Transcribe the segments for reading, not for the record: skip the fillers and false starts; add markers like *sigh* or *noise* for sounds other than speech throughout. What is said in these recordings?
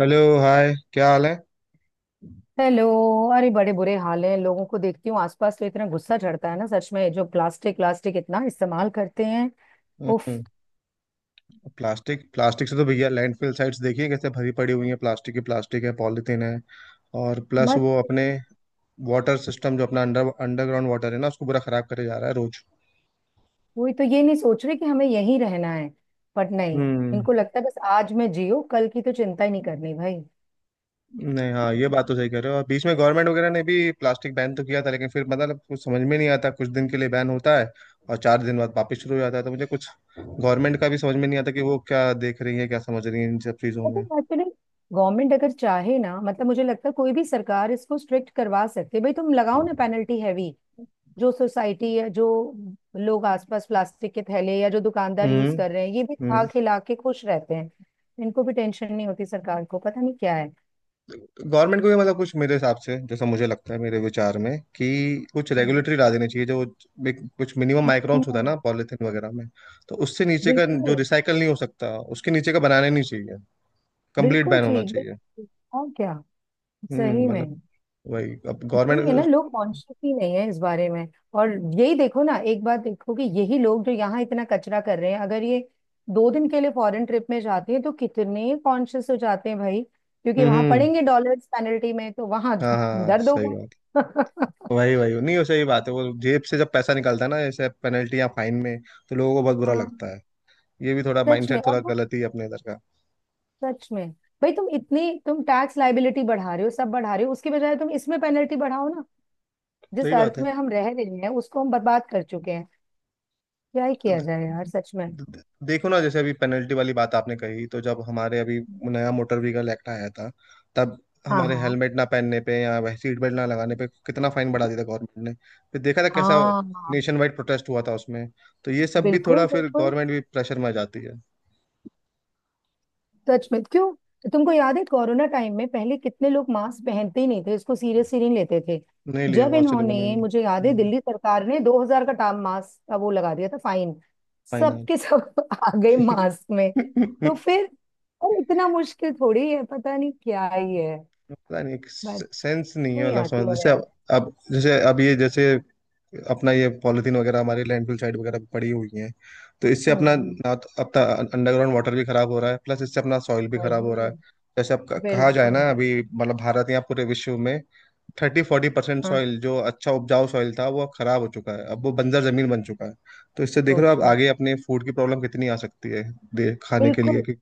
Hello, hi. क्या हाल है। हेलो। अरे बड़े बुरे हाल हैं, लोगों को देखती हूँ आसपास तो इतना गुस्सा चढ़ता है ना। सच में जो प्लास्टिक प्लास्टिक इतना इस्तेमाल करते हैं। उफ, हम्म। प्लास्टिक प्लास्टिक से तो भैया लैंडफिल साइट्स देखिए कैसे भरी पड़ी हुई है। प्लास्टिक की, प्लास्टिक है, पॉलिथीन है। और प्लस मत वो पूछ। अपने वाटर सिस्टम जो अपना अंडरग्राउंड वाटर है ना, उसको पूरा खराब करे जा रहा है रोज। कोई तो ये नहीं सोच रहे कि हमें यहीं रहना है, बट नहीं। हम्म। इनको लगता है बस आज में जियो, कल की तो चिंता ही नहीं करनी भाई। नहीं, हाँ ये बात तो सही कह रहे हो। और बीच में गवर्नमेंट वगैरह ने भी प्लास्टिक बैन तो किया था, लेकिन फिर मतलब कुछ समझ में नहीं आता। कुछ दिन के लिए बैन होता है और चार दिन बाद वापस शुरू हो जाता है। तो मुझे कुछ गवर्नमेंट का भी समझ में नहीं आता कि वो क्या देख रही है, क्या समझ रही है इन सब चीज़ों में। पता एक्चुअली, गवर्नमेंट अगर चाहे ना, मतलब मुझे लगता है कोई भी सरकार इसको स्ट्रिक्ट करवा सकती है भाई। तुम लगाओ ना पेनल्टी हैवी। जो सोसाइटी है, जो लोग आसपास प्लास्टिक के थैले या जो दुकानदार यूज हम्म। कर रहे हैं, ये भी खा हम्म। खिला के खुश रहते हैं। इनको भी टेंशन नहीं होती, सरकार को पता नहीं क्या है। गवर्नमेंट को भी मतलब कुछ, मेरे हिसाब से, जैसा मुझे लगता है, मेरे विचार में, कि कुछ रेगुलेटरी ला देनी चाहिए जो कुछ मिनिमम माइक्रोन्स होता है हम्म, ना पॉलिथीन वगैरह में। तो उससे नीचे का जो बिल्कुल रिसाइकल नहीं हो सकता, उसके नीचे का बनाना ही नहीं चाहिए। कंप्लीट बिल्कुल बैन होना ठीक चाहिए। बिल्कुल ठीक। और क्या, हम्म। सही मतलब में। वही अब वही है ना, गवर्नमेंट। लोग कॉन्शियस ही नहीं है इस बारे में। और यही देखो ना, एक बात देखो कि यही लोग जो यहाँ इतना कचरा कर रहे हैं, अगर ये दो दिन के लिए फॉरेन ट्रिप में जाते हैं तो कितने कॉन्शियस हो जाते हैं भाई। क्योंकि हम्म। वहां पड़ेंगे डॉलर्स पेनल्टी में, तो वहां हाँ हाँ दर्द सही होगा। बात। *laughs* वही वही नहीं, वो सही बात है, वो जेब से जब पैसा निकलता है ना, जैसे पेनल्टी या फाइन में, तो लोगों को बहुत बुरा हाँ लगता है। ये भी थोड़ा सच में। माइंडसेट और थोड़ा वो गलत ही है अपने इधर का। सच में, भाई तुम इतनी तुम टैक्स लाइबिलिटी बढ़ा रहे हो, सब बढ़ा रहे हो, उसके बजाय तुम इसमें पेनल्टी बढ़ाओ ना। जिस सही बात अर्थ है। में हम रह रहे हैं उसको हम बर्बाद कर चुके हैं। क्या ही किया जाए यार, सच में। देखो ना, जैसे अभी पेनल्टी वाली बात आपने कही, तो जब हमारे अभी नया मोटर व्हीकल एक्ट आया था, तब हाँ हमारे हाँ हेलमेट ना पहनने पे या वह सीट बेल्ट ना लगाने पे कितना फाइन बढ़ा दिया था गवर्नमेंट ने। फिर देखा था कैसा हाँ नेशन वाइड प्रोटेस्ट हुआ था उसमें। तो ये सब भी बिल्कुल थोड़ा फिर बिल्कुल। गवर्नमेंट भी प्रेशर में आ जाती है। सच में क्यों, तुमको याद है कोरोना टाइम में पहले कितने लोग मास्क पहनते ही नहीं थे, इसको सीरियस ही नहीं लेते थे। नहीं लिया जब बहुत से लोगों ने इन्होंने, भी। मुझे याद है, दिल्ली सरकार ने 2000 का टाम मास्क का वो लगा दिया था फाइन, फाइनल। सबके सब *laughs* आ गए मास्क में। तो *laughs* फिर अरे इतना मुश्किल थोड़ी है, पता नहीं क्या ही है। पता नहीं, बट सेंस नहीं है, नहीं मतलब आती समझ। जैसे अवेयर। अब जैसे अब ये जैसे अपना ये पॉलिथीन वगैरह हमारी लैंडफिल साइड वगैरह पे पड़ी हुई हैं। तो इससे हम्म अपना हम्म, ना तो अपना अंडरग्राउंड वाटर भी खराब हो रहा है, प्लस इससे अपना सॉइल भी खराब हो रहा है। वही। जैसे आप कहा जाए बिल्कुल। ना, अभी मतलब भारत या पूरे विश्व में 30-40% हाँ सॉइल जो अच्छा उपजाऊ सॉइल था, वो अब खराब हो चुका है, अब वो बंजर जमीन बन चुका है। तो इससे देख रहे हो आप सोचो। आगे अपने फूड की प्रॉब्लम कितनी आ सकती है, दे खाने के लिए बिल्कुल। कि।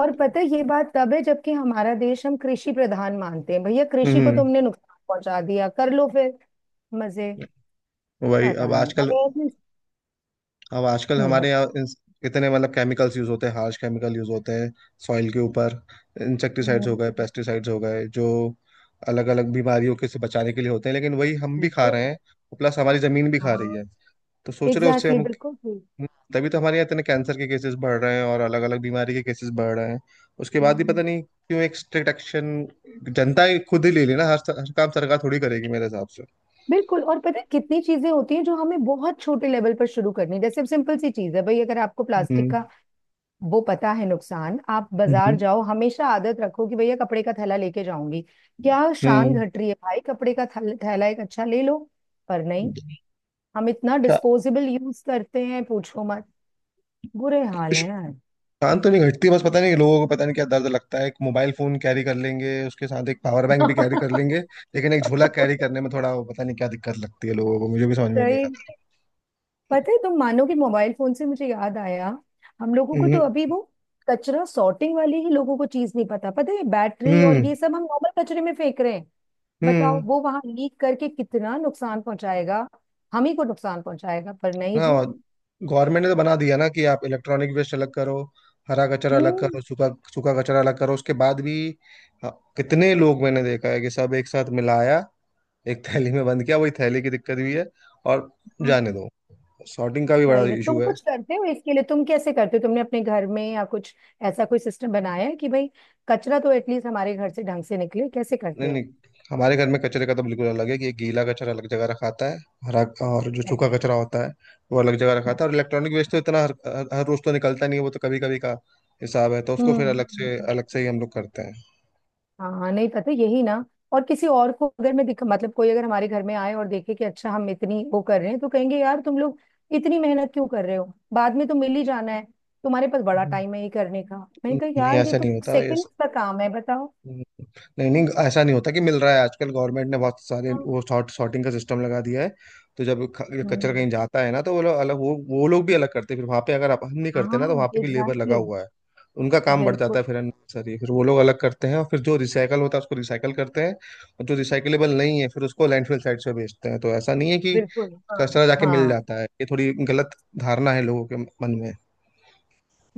और पता है ये बात तब है जबकि हमारा देश हम कृषि प्रधान मानते हैं। भैया कृषि को हम्म। तुमने नुकसान पहुंचा दिया, कर लो फिर मजे। वही पता अब नहीं आजकल, अब आजकल हम्म हमारे बत- यहाँ इतने मतलब केमिकल्स यूज होते हैं, हार्श केमिकल यूज होते हैं सॉइल के ऊपर। इंसेक्टिसाइड्स हो हम्म, गए, पेस्टिसाइड्स हो गए, जो अलग अलग बीमारियों के से बचाने के लिए होते हैं। लेकिन वही हम भी खा बिल्कुल। रहे हैं, प्लस हमारी जमीन भी खा रही हाँ है। तो सोच रहे हो उससे एग्जैक्टली हम, बिल्कुल ठीक। तभी तो हमारे यहाँ इतने कैंसर के केसेस बढ़ रहे हैं और अलग अलग बीमारी के केसेस बढ़ रहे हैं। उसके बाद भी पता हम्म, नहीं क्यों एक स्ट्रिक्ट एक्शन जनता ही खुद ही ले लेना। हर काम सरकार थोड़ी करेगी मेरे हिसाब से। बिल्कुल। और पता है कितनी चीजें होती हैं जो हमें बहुत छोटे लेवल पर शुरू करनी, जैसे अब सिंपल सी चीज है भाई, अगर आपको प्लास्टिक हम्म। का वो पता है नुकसान, आप बाजार हम्म। जाओ हमेशा आदत रखो कि भैया कपड़े का थैला लेके जाऊंगी। क्या शान हम्म। घट रही है भाई, कपड़े का थैला एक अच्छा ले लो। पर नहीं, हम इतना शा- डिस्पोजेबल यूज करते हैं पूछो मत। बुरे हाल है यार। थकान तो नहीं घटती, बस पता नहीं लोगों को, पता नहीं क्या दर्द लगता है। एक मोबाइल फोन कैरी कर लेंगे, उसके साथ एक पावर बैंक भी कैरी कर लेंगे, लेकिन एक *laughs* झोला कैरी करने में थोड़ा वो, पता नहीं क्या दिक्कत लगती है लोगों को, मुझे भी समझ में नहीं सही आता। में। पता है तुम मानोगे, मोबाइल फोन से मुझे याद आया, हम लोगों को हम्म। तो अभी वो कचरा सॉर्टिंग वाली ही लोगों को चीज नहीं पता। पता है बैटरी और हम्म। ये सब हम नॉर्मल कचरे में फेंक रहे हैं। हम्म। बताओ वो वहां लीक करके कितना नुकसान पहुंचाएगा, हम ही को नुकसान पहुंचाएगा, पर नहीं ना। जी। गवर्नमेंट ने तो बना दिया ना कि आप इलेक्ट्रॉनिक वेस्ट अलग करो, हरा कचरा अलग करो, सूखा सूखा कचरा अलग करो। उसके बाद भी अ, कितने लोग मैंने देखा है कि सब एक साथ मिलाया, एक थैली में बंद किया। वही थैली की दिक्कत भी है। और हम्म। जाने दो, सॉर्टिंग का भी बड़ा दही में तुम इशू है। कुछ करते हो इसके लिए? तुम कैसे करते हो, तुमने अपने घर में या कुछ ऐसा कोई सिस्टम बनाया है कि भाई कचरा तो एटलीस्ट हमारे घर से ढंग से निकले? कैसे करते नहीं नहीं, हो? हमारे घर में कचरे का तो बिल्कुल अलग है कि गीला कचरा अलग जगह रखा आता है, हरा, और जो सूखा कचरा होता है वो अलग जगह रखा आता है। और इलेक्ट्रॉनिक वेस्ट तो इतना हर रोज तो निकलता नहीं है, वो तो कभी कभी का हिसाब है, तो उसको फिर हम्म। अलग से ही हम लोग करते हैं। हाँ नहीं पता यही ना। और किसी और को अगर मैं दिख, मतलब कोई अगर हमारे घर में आए और देखे कि अच्छा हम इतनी वो कर रहे हैं तो कहेंगे यार तुम लोग इतनी मेहनत क्यों कर रहे हो, बाद में तो मिल ही जाना है, तुम्हारे पास बड़ा हम्म। टाइम है ये करने का। मैंने कहा नहीं, यार ये ऐसा तो नहीं होता ये। सेकंड का काम है, बताओ। हम्म, नहीं नहीं, ऐसा नहीं होता कि मिल रहा है। आजकल गवर्नमेंट ने बहुत सारे हाँ वो सॉर्ट सॉर्टिंग का सिस्टम लगा दिया है। तो जब ये कचरा हम्म कहीं जाता है ना, तो वो लोग अलग, वो लोग भी अलग करते हैं। फिर वहां पे अगर आप, हम नहीं करते ना, तो वहां हाँ पे भी लेबर लगा एग्जैक्टली हुआ है। उनका काम बढ़ जाता बिल्कुल है फिर अननेसेसरी, फिर वो लोग अलग करते हैं, और फिर जो रिसाइकल होता है उसको रिसाइकल करते हैं। और जो रिसाइकलेबल नहीं है, फिर उसको लैंडफिल साइट से बेचते हैं। तो ऐसा नहीं है कि बिल्कुल। हाँ कचरा जाके मिल हाँ जाता है, ये थोड़ी गलत धारणा है लोगों के मन में।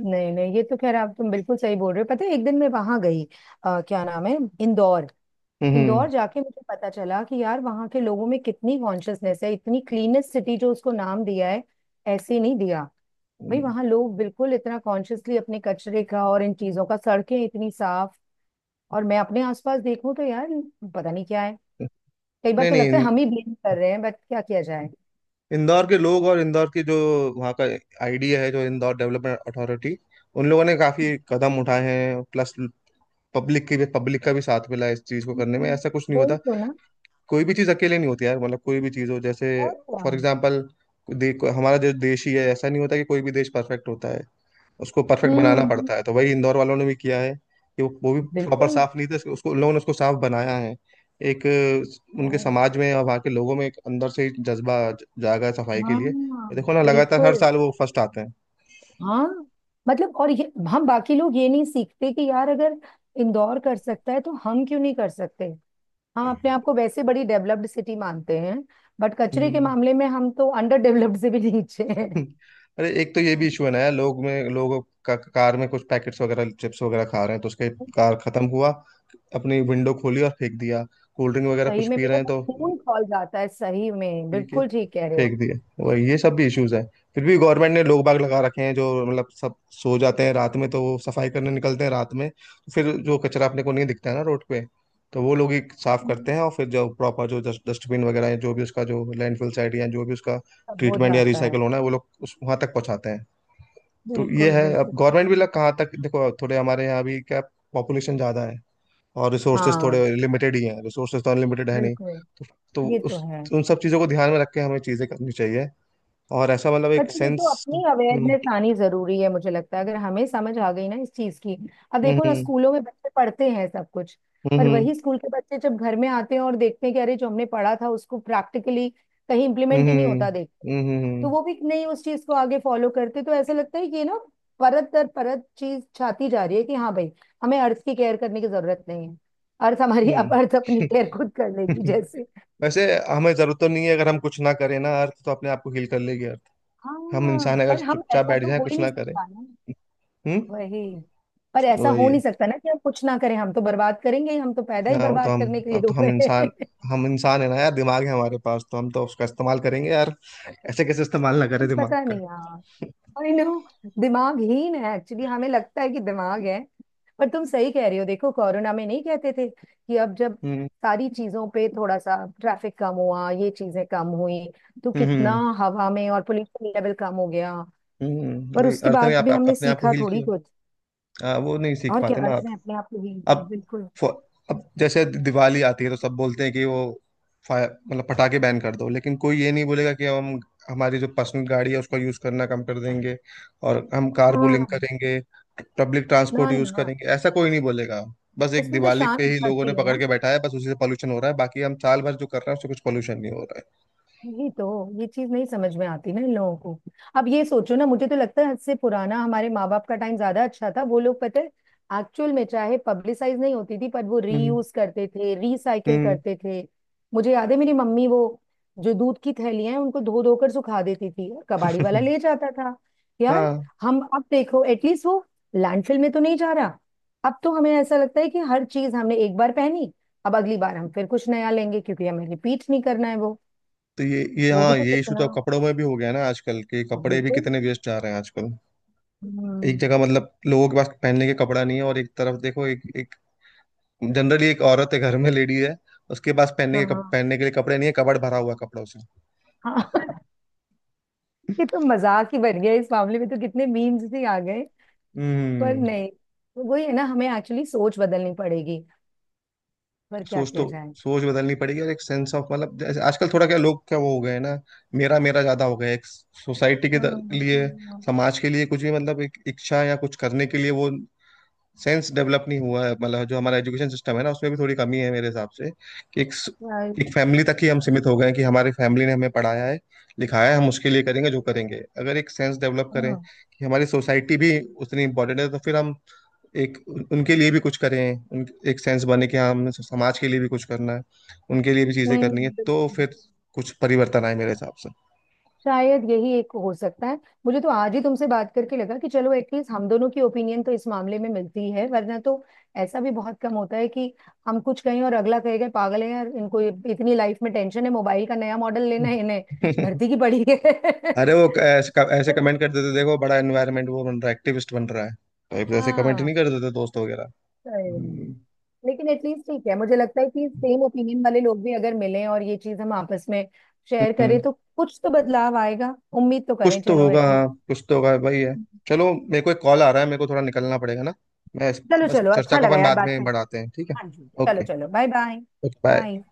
नहीं नहीं, ये तो खैर आप तुम बिल्कुल सही बोल रहे हो। पता है एक दिन मैं वहां गई, क्या नाम है, इंदौर। हम्म। इंदौर हम्म। जाके मुझे पता चला कि यार वहां के लोगों में कितनी कॉन्शियसनेस है, इतनी क्लीनेस्ट सिटी जो उसको नाम दिया है, ऐसे नहीं दिया। भाई हम्म। वहां लोग बिल्कुल इतना कॉन्शियसली अपने कचरे का और इन चीजों का, सड़कें इतनी साफ। और मैं अपने आसपास देखूं तो यार पता नहीं क्या है। कई बार नहीं तो लगता है नहीं, हम ही ब्लेम कर रहे हैं, बट क्या किया जाए। *laughs* इंदौर के लोग और इंदौर की जो वहाँ का आईडिया है, जो इंदौर डेवलपमेंट अथॉरिटी, उन लोगों ने काफी कदम उठाए हैं। प्लस पब्लिक की भी, पब्लिक का भी साथ मिला है इस चीज को करने में। हम्म, ऐसा कुछ नहीं वही होता, तो ना। कोई भी चीज अकेले नहीं होती यार। मतलब कोई भी चीज हो, जैसे और क्या। फॉर एग्जाम्पल हमारा जो देश ही है, ऐसा नहीं होता कि कोई भी देश परफेक्ट होता है, उसको परफेक्ट बनाना हम्म पड़ता है। तो वही इंदौर वालों ने भी किया है कि वो भी प्रॉपर बिल्कुल। साफ नहीं थे, उसको उन लोगों ने, उसको साफ बनाया है। एक उनके ओह, समाज में और वहाँ के लोगों में एक अंदर से ही जज्बा जागा है सफाई के हाँ लिए। ये देखो ना लगातार हर बिल्कुल साल वो फर्स्ट आते हैं। हाँ। मतलब और ये हम बाकी लोग ये नहीं सीखते कि यार अगर इंदौर कर सकता है तो हम क्यों नहीं कर सकते। हम अपने आप को वैसे बड़ी डेवलप्ड सिटी मानते हैं, बट कचरे के हम्म। मामले में हम तो अंडर डेवलप्ड से भी नीचे हैं। *laughs* अरे एक तो ये भी इशू है ना यार, लोग का, कार में कुछ पैकेट्स वगैरह, चिप्स वगैरह खा रहे हैं, तो उसके कार खत्म हुआ, अपनी विंडो खोली और फेंक दिया। कोल्ड ड्रिंक वगैरह सही कुछ में पी रहे मेरा हैं, तो तो खून खौल जाता है, सही में पी के बिल्कुल ठीक कह रहे हो। फेंक दिया। वही ये सब भी इश्यूज है। फिर भी गवर्नमेंट ने लोग बाग लगा रखे हैं जो मतलब, सब सो जाते हैं रात में, तो वो सफाई करने निकलते हैं रात में। तो फिर जो कचरा अपने को नहीं दिखता है ना रोड पे, तो वो लोग ही साफ करते हम्म, हैं। और फिर जो प्रॉपर जो डस्टबिन वगैरह है, जो भी उसका, जो लैंडफिल साइट या जो भी उसका सब हो ट्रीटमेंट या जाता है। रिसाइकल होना है, वो लोग उस वहां तक पहुंचाते हैं। तो ये बिल्कुल है, अब बिल्कुल। गवर्नमेंट भी लग कहाँ तक देखो, थोड़े हमारे यहाँ भी क्या, पॉपुलेशन ज्यादा है और रिसोर्सेज हाँ थोड़े लिमिटेड ही हैं, रिसोर्सेज तो अनलिमिटेड है नहीं, बिल्कुल तो ये तो उस है। उन सब चीज़ों को ध्यान में रख के हमें चीज़ें करनी चाहिए। और ऐसा मतलब एक पता है, ये तो सेंस। अपनी हम्म। अवेयरनेस आनी जरूरी है, मुझे लगता है अगर हमें समझ आ गई ना इस चीज की। अब देखो ना, हम्म। स्कूलों में बच्चे पढ़ते हैं सब कुछ, पर हम्म। वही स्कूल के बच्चे जब घर में आते हैं और देखते हैं कि अरे जो हमने पढ़ा था उसको प्रैक्टिकली कहीं इम्प्लीमेंट ही नहीं हम्म। होता देख, तो हम्म। वो भी नहीं उस चीज को आगे फॉलो करते। तो ऐसा लगता है कि ये ना परत दर परत चीज छाती जा रही है कि हाँ भाई हमें अर्थ की केयर करने की जरूरत नहीं है। अर्थ हमारी अब अर्थ अपनी केयर खुद कर हम्म। लेगी *laughs* जैसे। वैसे हमें जरूरत तो नहीं है, अगर हम कुछ ना करें ना, अर्थ तो अपने आप को हील कर लेगी अर्थ। हम हाँ इंसान अगर पर हम चुपचाप ऐसा बैठ तो जाए, हो ही कुछ नहीं ना करें। सकता ना। हम्म। वही। पर ऐसा वही हो है। नहीं सकता ना कि हम कुछ ना करें, हम तो बर्बाद करेंगे ही। हम तो पैदा ही हाँ वो तो बर्बाद हम, करने के लिए अब तो हुए हम इंसान, हैं। *laughs* हम इंसान है ना यार, दिमाग है हमारे पास तो हम तो उसका इस्तेमाल करेंगे यार। ऐसे कैसे इस्तेमाल ना करें पर दिमाग पता का। नहीं यार, आई नो दिमाग हीन है एक्चुअली, हमें लगता है कि दिमाग है। पर तुम सही कह रही हो, देखो कोरोना में नहीं कहते थे कि अब जब हम्म? सारी चीजों पे थोड़ा सा ट्रैफिक कम हुआ, ये चीजें कम हुई, तो कितना हम्म। हवा में और पोल्यूशन लेवल कम हो गया। हम्म। पर वही उसके अर्थ ने बाद आप, भी आप हमने अपने आप को सीखा हील थोड़ी किया। कुछ। हाँ, वो नहीं सीख और क्या, पाते ना अर्थ आप। में अपने आप को भी। अब बिल्कुल फ- अब जैसे दिवाली आती है तो सब बोलते हैं कि वो फायर मतलब पटाखे बैन कर दो, लेकिन कोई ये नहीं बोलेगा कि हम हमारी जो पर्सनल गाड़ी है उसका यूज करना कम कर देंगे और हम कार पूलिंग हाँ। करेंगे, पब्लिक ना ट्रांसपोर्ट यूज ना, करेंगे, ऐसा कोई नहीं बोलेगा। बस एक उसमें तो दिवाली शांत पे ही लोगों ने घटती है पकड़ ना। के बैठा है, बस उसी से पॉल्यूशन हो रहा है, बाकी हम साल भर जो कर रहे हैं उससे कुछ पॉल्यूशन नहीं हो रहा वही तो, ये चीज नहीं समझ में आती ना इन लोगों को। अब ये सोचो ना, मुझे तो लगता है हद से पुराना हमारे माँ बाप का टाइम ज्यादा अच्छा था। वो लोग पता है एक्चुअल में, चाहे पब्लिसाइज नहीं होती थी, पर वो है। हम्म। रीयूज करते थे, रिसाइकिल हम्म। करते थे। मुझे याद है मेरी मम्मी वो जो दूध की थैलियां हैं उनको धो धोकर सुखा देती थी, कबाड़ी वाला ले जाता था *laughs* यार। हाँ, हम अब देखो एटलीस्ट वो लैंडफिल में तो नहीं जा रहा। अब तो हमें ऐसा लगता है कि हर चीज हमने एक बार पहनी, अब अगली बार हम फिर कुछ नया लेंगे क्योंकि हमें रिपीट नहीं करना है वो। तो ये वो भी हाँ, तो ये इशू तो कितना। अब कपड़ों में भी हो गया है ना, आजकल के हाँ, कपड़े भी बिल्कुल। कितने वेस्ट जा रहे हैं आजकल। एक हम्म, जगह मतलब लोगों के पास पहनने के कपड़ा नहीं है, और एक तरफ देखो एक एक जनरली एक औरत है घर में, लेडी है, उसके पास पहनने के हाँ पहनने के लिए कपड़े नहीं है, कबाड़ भरा हुआ है कपड़ों से। हाँ। *laughs* ये तो मजाक ही बन गया, इस मामले में तो कितने मीम्स ही आ गए। पर हम्म। नहीं तो वही है ना, हमें एक्चुअली सोच बदलनी पड़ेगी। पर क्या सोच तो, किया जाए। सोच बदलनी पड़ेगी, और एक सेंस ऑफ मतलब जैसे आजकल थोड़ा क्या लोग क्या वो हो गए हैं ना, मेरा मेरा ज्यादा हो गया है। एक सोसाइटी के हम्म लिए, हम्म, समाज के लिए कुछ भी मतलब एक इच्छा या कुछ करने के लिए, वो सेंस डेवलप नहीं हुआ है। मतलब जो हमारा एजुकेशन सिस्टम है ना, उसमें भी थोड़ी कमी है मेरे हिसाब से कि एक right, एक फैमिली तक ही हम सीमित हो गए हैं, कि हमारी फैमिली ने हमें पढ़ाया है, लिखाया है, हम उसके लिए करेंगे जो करेंगे। अगर एक सेंस डेवलप करें हाँ, कि हमारी सोसाइटी भी उतनी इंपॉर्टेंट है, तो फिर हम एक उनके लिए भी कुछ करें। उन एक सेंस बने कि हाँ हमने समाज के लिए भी कुछ करना है, उनके लिए भी चीजें नहीं करनी है, नहीं, तो बिल्कुल। फिर कुछ परिवर्तन आए मेरे हिसाब से। शायद यही एक हो सकता है। मुझे तो आज ही तुमसे बात करके लगा कि चलो एटलीस्ट हम दोनों की ओपिनियन तो इस मामले में मिलती है, वरना तो ऐसा भी बहुत कम होता है कि हम कुछ कहें और अगला कहेगा पागल है यार इनको, इतनी लाइफ में टेंशन है मोबाइल का नया मॉडल लेना है इन्हें, *laughs* धरती की पड़ी है। अरे वो *laughs* ऐसे ऐसे तो कमेंट कर देते देखो, बड़ा एनवायरनमेंट वो बन रहा है, एक्टिविस्ट बन रहा है, तो ऐसे कमेंट हाँ नहीं कर देते दोस्त वगैरह। सही में। हम्म। लेकिन एटलीस्ट ठीक है, मुझे लगता है कि सेम ओपिनियन वाले लोग भी अगर मिलें और ये चीज हम आपस में शेयर हम्म, करें तो कुछ तो बदलाव आएगा, उम्मीद तो कुछ करें तो चलो होगा, एटलीस्ट। हाँ कुछ तो होगा वही है। चलो, मेरे को एक कॉल आ रहा है, मेरे को थोड़ा निकलना पड़ेगा ना। मैं चलो बस चलो चर्चा अच्छा को लगा अपन यार बाद बात में करके। बढ़ाते हैं, ठीक है। हाँ जी चलो ओके। चलो bye bye okay, bye. Bye.